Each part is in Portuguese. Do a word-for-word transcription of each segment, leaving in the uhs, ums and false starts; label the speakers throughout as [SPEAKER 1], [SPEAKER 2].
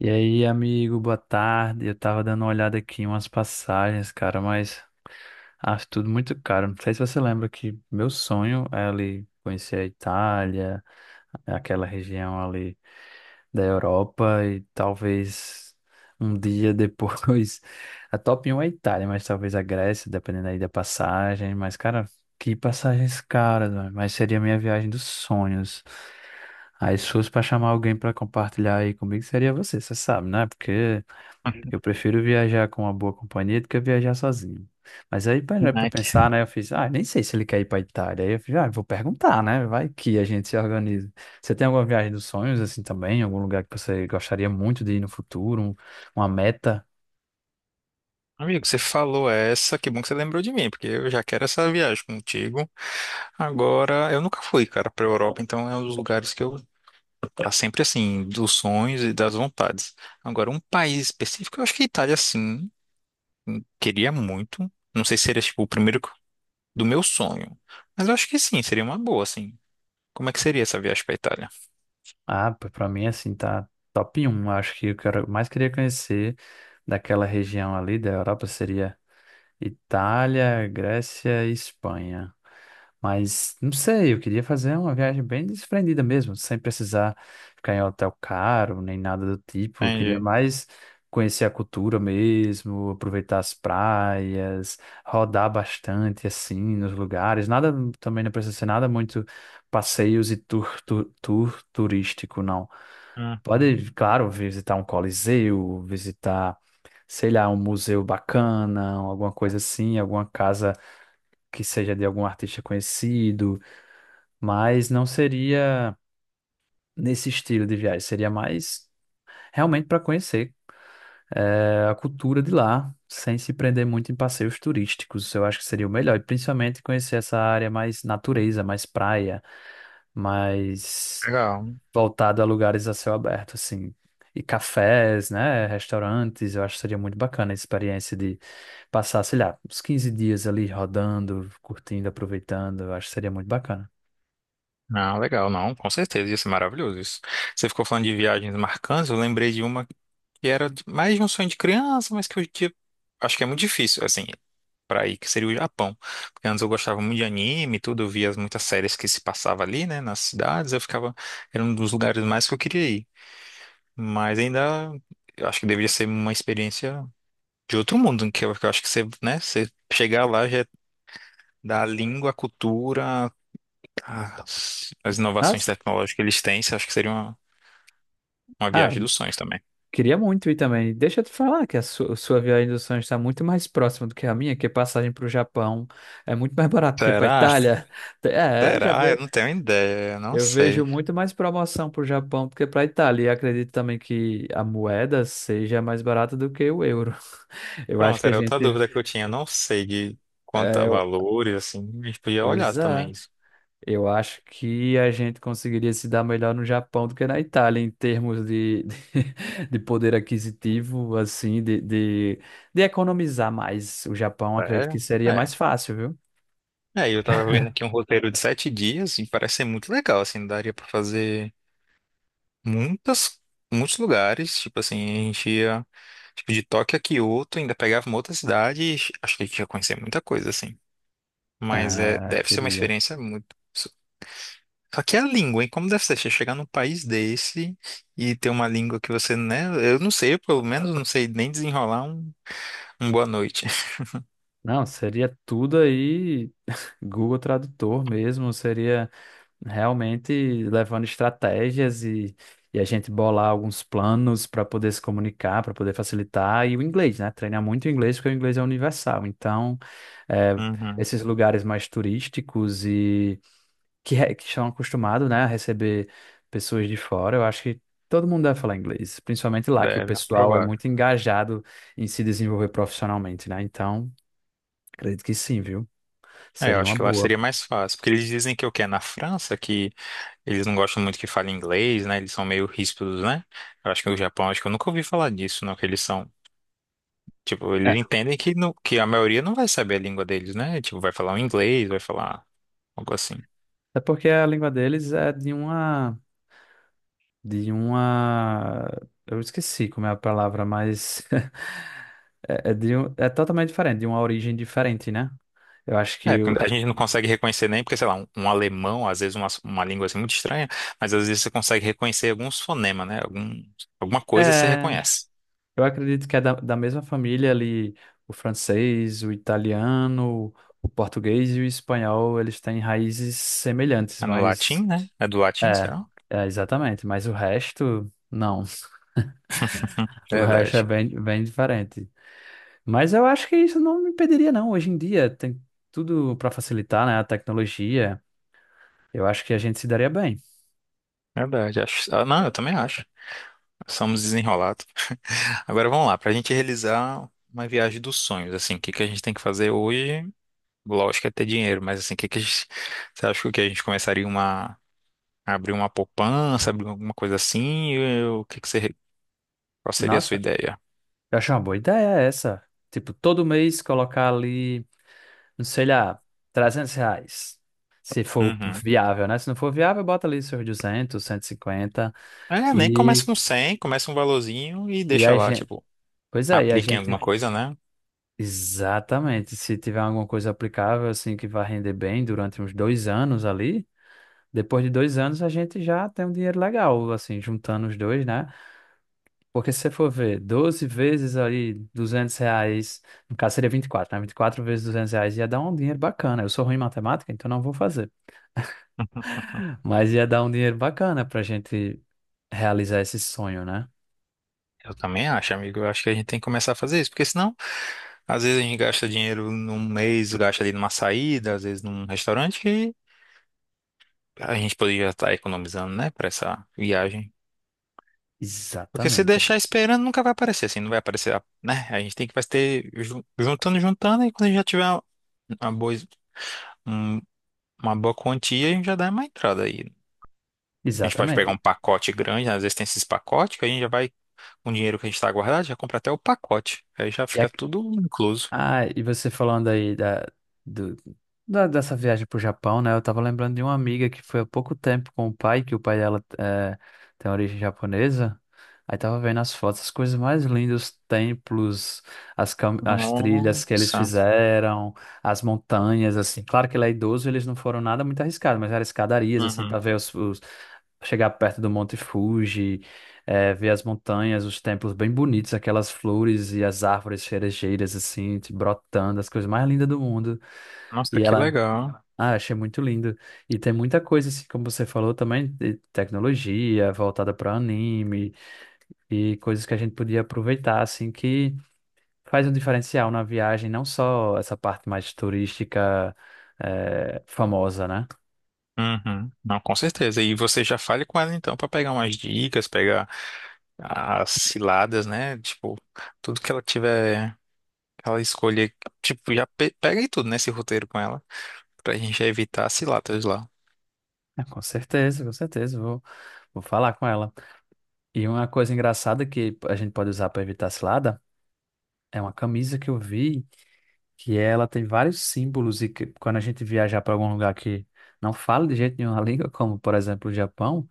[SPEAKER 1] E aí, amigo, boa tarde. Eu tava dando uma olhada aqui em umas passagens, cara, mas acho tudo muito caro. Não sei se você lembra que meu sonho é ali conhecer a Itália, aquela região ali da Europa e talvez um dia depois. A top um é a Itália, mas talvez a Grécia, dependendo aí da passagem. Mas, cara, que passagens caras, mano. Mas seria a minha viagem dos sonhos. Aí, se fosse pra chamar alguém pra compartilhar aí comigo, seria você, você sabe, né? Porque eu prefiro viajar com uma boa companhia do que viajar sozinho. Mas aí para
[SPEAKER 2] Caraca.
[SPEAKER 1] pensar, né? Eu fiz: ah, nem sei se ele quer ir para Itália. Aí eu fiz: ah, vou perguntar, né? Vai que a gente se organiza. Você tem alguma viagem dos sonhos assim também? Algum lugar que você gostaria muito de ir no futuro? Um- uma meta?
[SPEAKER 2] Amigo, você falou essa, que bom que você lembrou de mim, porque eu já quero essa viagem contigo. Agora, eu nunca fui, cara, pra Europa, então é um dos lugares que eu tá sempre assim, dos sonhos e das vontades. Agora, um país específico, eu acho que a Itália, sim, queria muito. Não sei se seria, tipo, o primeiro do meu sonho, mas eu acho que sim, seria uma boa, assim. Como é que seria essa viagem pra Itália?
[SPEAKER 1] Ah, para mim assim tá top um. Acho que o que eu mais queria conhecer daquela região ali da Europa seria Itália, Grécia e Espanha. Mas não sei, eu queria fazer uma viagem bem desprendida mesmo, sem precisar ficar em hotel caro, nem nada do tipo. Eu queria
[SPEAKER 2] Entendi.
[SPEAKER 1] mais conhecer a cultura mesmo, aproveitar as praias, rodar bastante assim nos lugares. Nada, também não precisa ser nada muito passeios e tour, tour, tour turístico, não.
[SPEAKER 2] Uhum.
[SPEAKER 1] Pode, claro, visitar um coliseu, visitar sei lá, um museu bacana, alguma coisa assim, alguma casa que seja de algum artista conhecido, mas não seria nesse estilo de viagem, seria mais realmente para conhecer eh, a cultura de lá, sem se prender muito em passeios turísticos, eu acho que seria o melhor, e principalmente conhecer essa área mais natureza, mais praia, mais
[SPEAKER 2] Legal.
[SPEAKER 1] voltada a lugares a céu aberto, assim. E cafés, né? Restaurantes, eu acho que seria muito bacana a experiência. Passar, sei lá, uns quinze dias ali rodando, curtindo, aproveitando, eu acho que seria muito bacana.
[SPEAKER 2] Não, legal, não, com certeza, ia ser maravilhoso isso. Você ficou falando de viagens marcantes, eu lembrei de uma. Que era de- mais de um sonho de criança, mas que hoje em dia acho que é muito difícil, assim, pra ir, que seria o Japão. Porque antes eu gostava muito de anime e tudo, eu via as muitas séries que se passava ali, né, nas cidades, eu ficava, era um dos lugares mais que eu queria ir. Mas ainda, eu acho que deveria ser uma experiência de outro mundo, que eu, que eu acho que você, né, você chegar lá já é da língua, a cultura, as, as inovações
[SPEAKER 1] Mas,
[SPEAKER 2] tecnológicas que eles têm, eu acho que seria uma, uma
[SPEAKER 1] ah,
[SPEAKER 2] viagem dos sonhos também.
[SPEAKER 1] queria muito ir também. Deixa eu te falar que a su- sua viagem dos sonhos está muito mais próxima do que a minha, que passagem para o Japão é muito mais barato que para a
[SPEAKER 2] Será?
[SPEAKER 1] Itália. É, eu já
[SPEAKER 2] Será? Eu
[SPEAKER 1] ve...
[SPEAKER 2] não tenho ideia, eu não
[SPEAKER 1] eu vejo
[SPEAKER 2] sei.
[SPEAKER 1] muito mais promoção para o Japão do que para a Itália. E acredito também que a moeda seja mais barata do que o euro. Eu acho
[SPEAKER 2] Pronto,
[SPEAKER 1] que a
[SPEAKER 2] era outra
[SPEAKER 1] gente...
[SPEAKER 2] dúvida que eu tinha. Eu não sei de quanto
[SPEAKER 1] É,
[SPEAKER 2] a
[SPEAKER 1] eu-
[SPEAKER 2] valores, assim, a gente podia olhar
[SPEAKER 1] pois é.
[SPEAKER 2] também isso.
[SPEAKER 1] Eu acho que a gente conseguiria se dar melhor no Japão do que na Itália, em termos de, de, poder aquisitivo, assim, de, de, de economizar mais. O Japão, acredito
[SPEAKER 2] É,
[SPEAKER 1] que seria
[SPEAKER 2] é.
[SPEAKER 1] mais fácil, viu?
[SPEAKER 2] É, eu tava vendo aqui um roteiro de sete dias e parece ser muito legal, assim, daria pra fazer muitas, muitos lugares, tipo assim, a gente ia, tipo, de Tóquio a Kyoto, ainda pegava uma outra cidade e acho que a gente ia conhecer muita coisa, assim. Mas é,
[SPEAKER 1] Ah,
[SPEAKER 2] deve ser uma
[SPEAKER 1] queria.
[SPEAKER 2] experiência muito... Só que é a língua, hein? Como deve ser? Você chegar num país desse e ter uma língua que você, né? Eu não sei, pelo menos não sei nem desenrolar um boa noite.
[SPEAKER 1] Não, seria tudo aí, Google Tradutor mesmo, seria realmente levando estratégias e, e a gente bolar alguns planos para poder se comunicar, para poder facilitar, e o inglês, né? Treinar muito o inglês, porque o inglês é universal. Então, é,
[SPEAKER 2] Uhum,
[SPEAKER 1] esses lugares mais turísticos e que, re- que estão acostumados, né, a receber pessoas de fora, eu acho que todo mundo deve falar inglês, principalmente lá, que o
[SPEAKER 2] deve, é
[SPEAKER 1] pessoal é
[SPEAKER 2] provável.
[SPEAKER 1] muito engajado em se desenvolver profissionalmente, né? Então, acredito que sim, viu?
[SPEAKER 2] É, eu
[SPEAKER 1] Seria
[SPEAKER 2] acho
[SPEAKER 1] uma
[SPEAKER 2] que lá
[SPEAKER 1] boa.
[SPEAKER 2] seria mais fácil, porque eles dizem que o que é na França, que eles não gostam muito que fale inglês, né? Eles são meio ríspidos, né? Eu acho que o Japão, acho que eu nunca ouvi falar disso, não, que eles são, tipo, eles
[SPEAKER 1] É,
[SPEAKER 2] entendem que, não, que a maioria não vai saber a língua deles, né? Tipo, vai falar um inglês, vai falar algo assim.
[SPEAKER 1] até porque a língua deles é de uma de uma... Eu esqueci como é a palavra, mas é, é de um- é totalmente diferente, de uma origem diferente, né? Eu acho
[SPEAKER 2] É,
[SPEAKER 1] que o-
[SPEAKER 2] porque a gente não consegue reconhecer nem, porque, sei lá, um, um alemão, às vezes uma, uma língua assim muito estranha, mas às vezes você consegue reconhecer alguns fonemas, né? Algum, alguma coisa você
[SPEAKER 1] É,
[SPEAKER 2] reconhece.
[SPEAKER 1] eu acredito que é da, da mesma família ali, o francês, o italiano, o português e o espanhol, eles têm raízes semelhantes,
[SPEAKER 2] É no
[SPEAKER 1] mas
[SPEAKER 2] latim, né? É do latim,
[SPEAKER 1] é,
[SPEAKER 2] será?
[SPEAKER 1] é exatamente, mas o resto não.
[SPEAKER 2] Hum,
[SPEAKER 1] O resto é
[SPEAKER 2] Verdade,
[SPEAKER 1] bem, bem diferente. Mas eu acho que isso não me impediria, não. Hoje em dia tem tudo para facilitar, né? A tecnologia. Eu acho que a gente se daria bem.
[SPEAKER 2] verdade. Acho... ah, não, eu também acho. Somos desenrolados. Agora vamos lá, para a gente realizar uma viagem dos sonhos, assim, o que que a gente tem que fazer hoje? Lógico é ter dinheiro, mas assim, o que que a gente... Você acha que a gente começaria uma... a abrir uma poupança, abrir alguma coisa assim? Eu- O que que você... Qual seria a sua
[SPEAKER 1] Nossa,
[SPEAKER 2] ideia?
[SPEAKER 1] eu acho uma boa ideia essa. Tipo, todo mês colocar ali, não sei lá, trezentos reais. Se for
[SPEAKER 2] Uhum.
[SPEAKER 1] viável, né? Se não for viável, bota ali seus duzentos, cento e cinquenta.
[SPEAKER 2] É, nem
[SPEAKER 1] E,
[SPEAKER 2] começa
[SPEAKER 1] cinquenta.
[SPEAKER 2] com cem, começa um valorzinho e
[SPEAKER 1] e e
[SPEAKER 2] deixa
[SPEAKER 1] a
[SPEAKER 2] lá,
[SPEAKER 1] gente...
[SPEAKER 2] tipo,
[SPEAKER 1] Pois é, e a
[SPEAKER 2] aplica em
[SPEAKER 1] gente...
[SPEAKER 2] alguma coisa, né?
[SPEAKER 1] Exatamente. Se tiver alguma coisa aplicável, assim, que vai render bem durante uns dois anos ali, depois de dois anos a gente já tem um dinheiro legal, assim, juntando os dois, né? Porque se você for ver doze vezes ali duzentos reais, no caso seria vinte e quatro, né? Vinte e quatro vezes duzentos reais ia dar um dinheiro bacana. Eu sou ruim em matemática, então não vou fazer. Mas ia dar um dinheiro bacana pra gente realizar esse sonho, né?
[SPEAKER 2] Eu também acho, amigo. Eu acho que a gente tem que começar a fazer isso, porque senão, às vezes a gente gasta dinheiro num mês, gasta ali numa saída, às vezes num restaurante, que a gente poderia estar economizando, né, para essa viagem. Porque se
[SPEAKER 1] Exatamente.
[SPEAKER 2] deixar esperando, nunca vai aparecer, assim, não vai aparecer, a- né? A gente tem que vai ter ju- juntando, juntando, e quando a gente já tiver uma uma boa, um- uma boa quantia, a gente já dá uma entrada aí. A gente pode pegar
[SPEAKER 1] Exatamente.
[SPEAKER 2] um pacote grande, né? Às vezes tem esses pacotes que a gente já vai, com o dinheiro que a gente está guardado, já compra até o pacote. Aí já fica tudo incluso.
[SPEAKER 1] Ah, e você falando aí da, do, da- dessa viagem pro Japão, né? Eu tava lembrando de uma amiga que foi há pouco tempo com o pai, que o pai dela eh, tem origem japonesa. Aí tava vendo as fotos, as coisas mais lindas, os templos, as, cam- as trilhas que eles
[SPEAKER 2] Nossa.
[SPEAKER 1] fizeram, as montanhas, assim. Claro que ele é idoso, eles não foram nada muito arriscado, mas eram escadarias, assim, para
[SPEAKER 2] Uhum.
[SPEAKER 1] ver os, os- chegar perto do Monte Fuji. É, ver as montanhas, os templos bem bonitos, aquelas flores e as árvores cerejeiras, assim, te brotando, as coisas mais lindas do mundo.
[SPEAKER 2] Nossa,
[SPEAKER 1] E
[SPEAKER 2] que
[SPEAKER 1] ela...
[SPEAKER 2] legal.
[SPEAKER 1] ah, achei muito lindo. E tem muita coisa, assim, como você falou também, de tecnologia voltada para anime e coisas que a gente podia aproveitar, assim, que faz um diferencial na viagem, não só essa parte mais turística, é, famosa, né?
[SPEAKER 2] Uhum. Não, com certeza. E você já fale com ela então para pegar umas dicas, pegar as ciladas, né? Tipo, tudo que ela tiver, que ela escolher, tipo, já pe pega aí tudo nesse roteiro com ela, pra gente evitar as ciladas lá.
[SPEAKER 1] É, com certeza, com certeza, vou, vou falar com ela. E uma coisa engraçada que a gente pode usar para evitar cilada é uma camisa que eu vi, que ela tem vários símbolos e que, quando a gente viajar para algum lugar que não fala de jeito nenhum a língua, como por exemplo o Japão,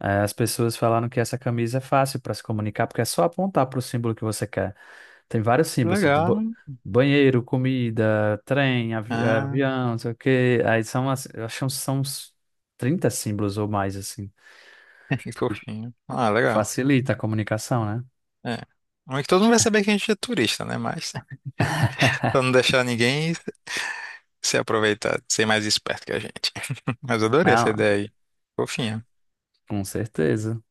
[SPEAKER 1] eh, as pessoas falaram que essa camisa é fácil para se comunicar porque é só apontar para o símbolo que você quer. Tem vários símbolos, tipo de ba-
[SPEAKER 2] Legal.
[SPEAKER 1] banheiro, comida, trem, avi- eh,
[SPEAKER 2] Ah,
[SPEAKER 1] avião, não sei o quê. Aí são, as- eu acho que são uns trinta símbolos ou mais, assim.
[SPEAKER 2] que fofinho. Ah, legal.
[SPEAKER 1] Facilita a comunicação, né?
[SPEAKER 2] É. Mas que todo mundo vai saber que a gente é turista, né? Mas pra não deixar ninguém se aproveitar, ser mais esperto que a gente. Mas eu adorei essa
[SPEAKER 1] Ah,
[SPEAKER 2] ideia aí. Fofinha.
[SPEAKER 1] com certeza.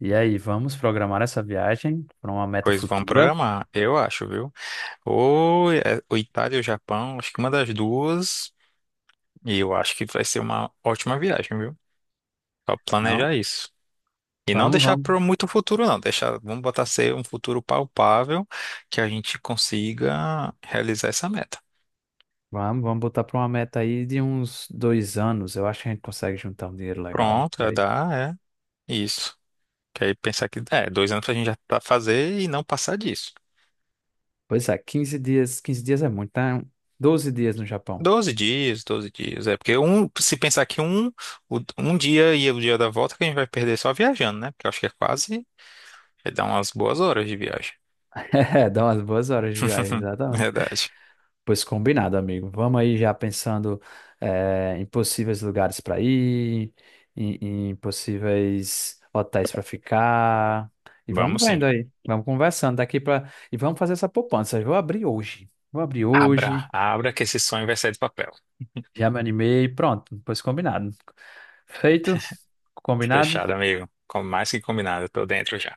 [SPEAKER 1] E aí, vamos programar essa viagem para uma meta
[SPEAKER 2] Pois vamos
[SPEAKER 1] futura?
[SPEAKER 2] programar, eu acho, viu? Ou é, ou Itália ou Japão, acho que uma das duas. E eu acho que vai ser uma ótima viagem, viu? Só
[SPEAKER 1] Não,
[SPEAKER 2] planejar isso. E não
[SPEAKER 1] vamos,
[SPEAKER 2] deixar
[SPEAKER 1] vamos,
[SPEAKER 2] para muito futuro, não. Deixar, vamos botar ser um futuro palpável que a gente consiga realizar essa meta.
[SPEAKER 1] vamos, vamos botar para uma meta aí de uns dois anos. Eu acho que a gente consegue juntar um dinheiro legal
[SPEAKER 2] Pronto,
[SPEAKER 1] para
[SPEAKER 2] é,
[SPEAKER 1] ir.
[SPEAKER 2] dá, é isso. Que aí pensar que é, dois anos pra gente já tá fazer e não passar disso.
[SPEAKER 1] Pois é. Quinze dias, quinze dias é muito, né? Doze dias no Japão.
[SPEAKER 2] Doze dias, doze dias. É porque um, se pensar que um, o- um dia e o dia da volta que a gente vai perder só viajando, né? Porque eu acho que é quase, vai dar umas boas horas de viagem.
[SPEAKER 1] É, dá umas boas horas de viagem, exatamente.
[SPEAKER 2] Verdade.
[SPEAKER 1] Pois combinado, amigo. Vamos aí já pensando eh, em possíveis lugares para ir, em, em possíveis hotéis para ficar. E vamos
[SPEAKER 2] Vamos
[SPEAKER 1] vendo
[SPEAKER 2] sim.
[SPEAKER 1] aí. Vamos conversando daqui para... E vamos fazer essa poupança. Eu vou abrir hoje. Vou abrir hoje.
[SPEAKER 2] Abra, abra que esse sonho vai sair do papel.
[SPEAKER 1] Já me animei. Pronto. Pois combinado. Feito? Combinado?
[SPEAKER 2] Fechado, amigo. Com mais que combinado, eu tô dentro já.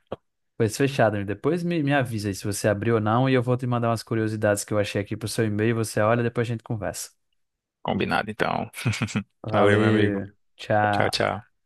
[SPEAKER 1] Pois fechado, amigo. Depois me, me avisa aí se você abriu ou não. E eu vou te mandar umas curiosidades que eu achei aqui pro seu e-mail. Você olha, depois a gente conversa.
[SPEAKER 2] Combinado, então. Valeu, meu amigo.
[SPEAKER 1] Valeu.
[SPEAKER 2] Tchau,
[SPEAKER 1] Tchau.
[SPEAKER 2] tchau.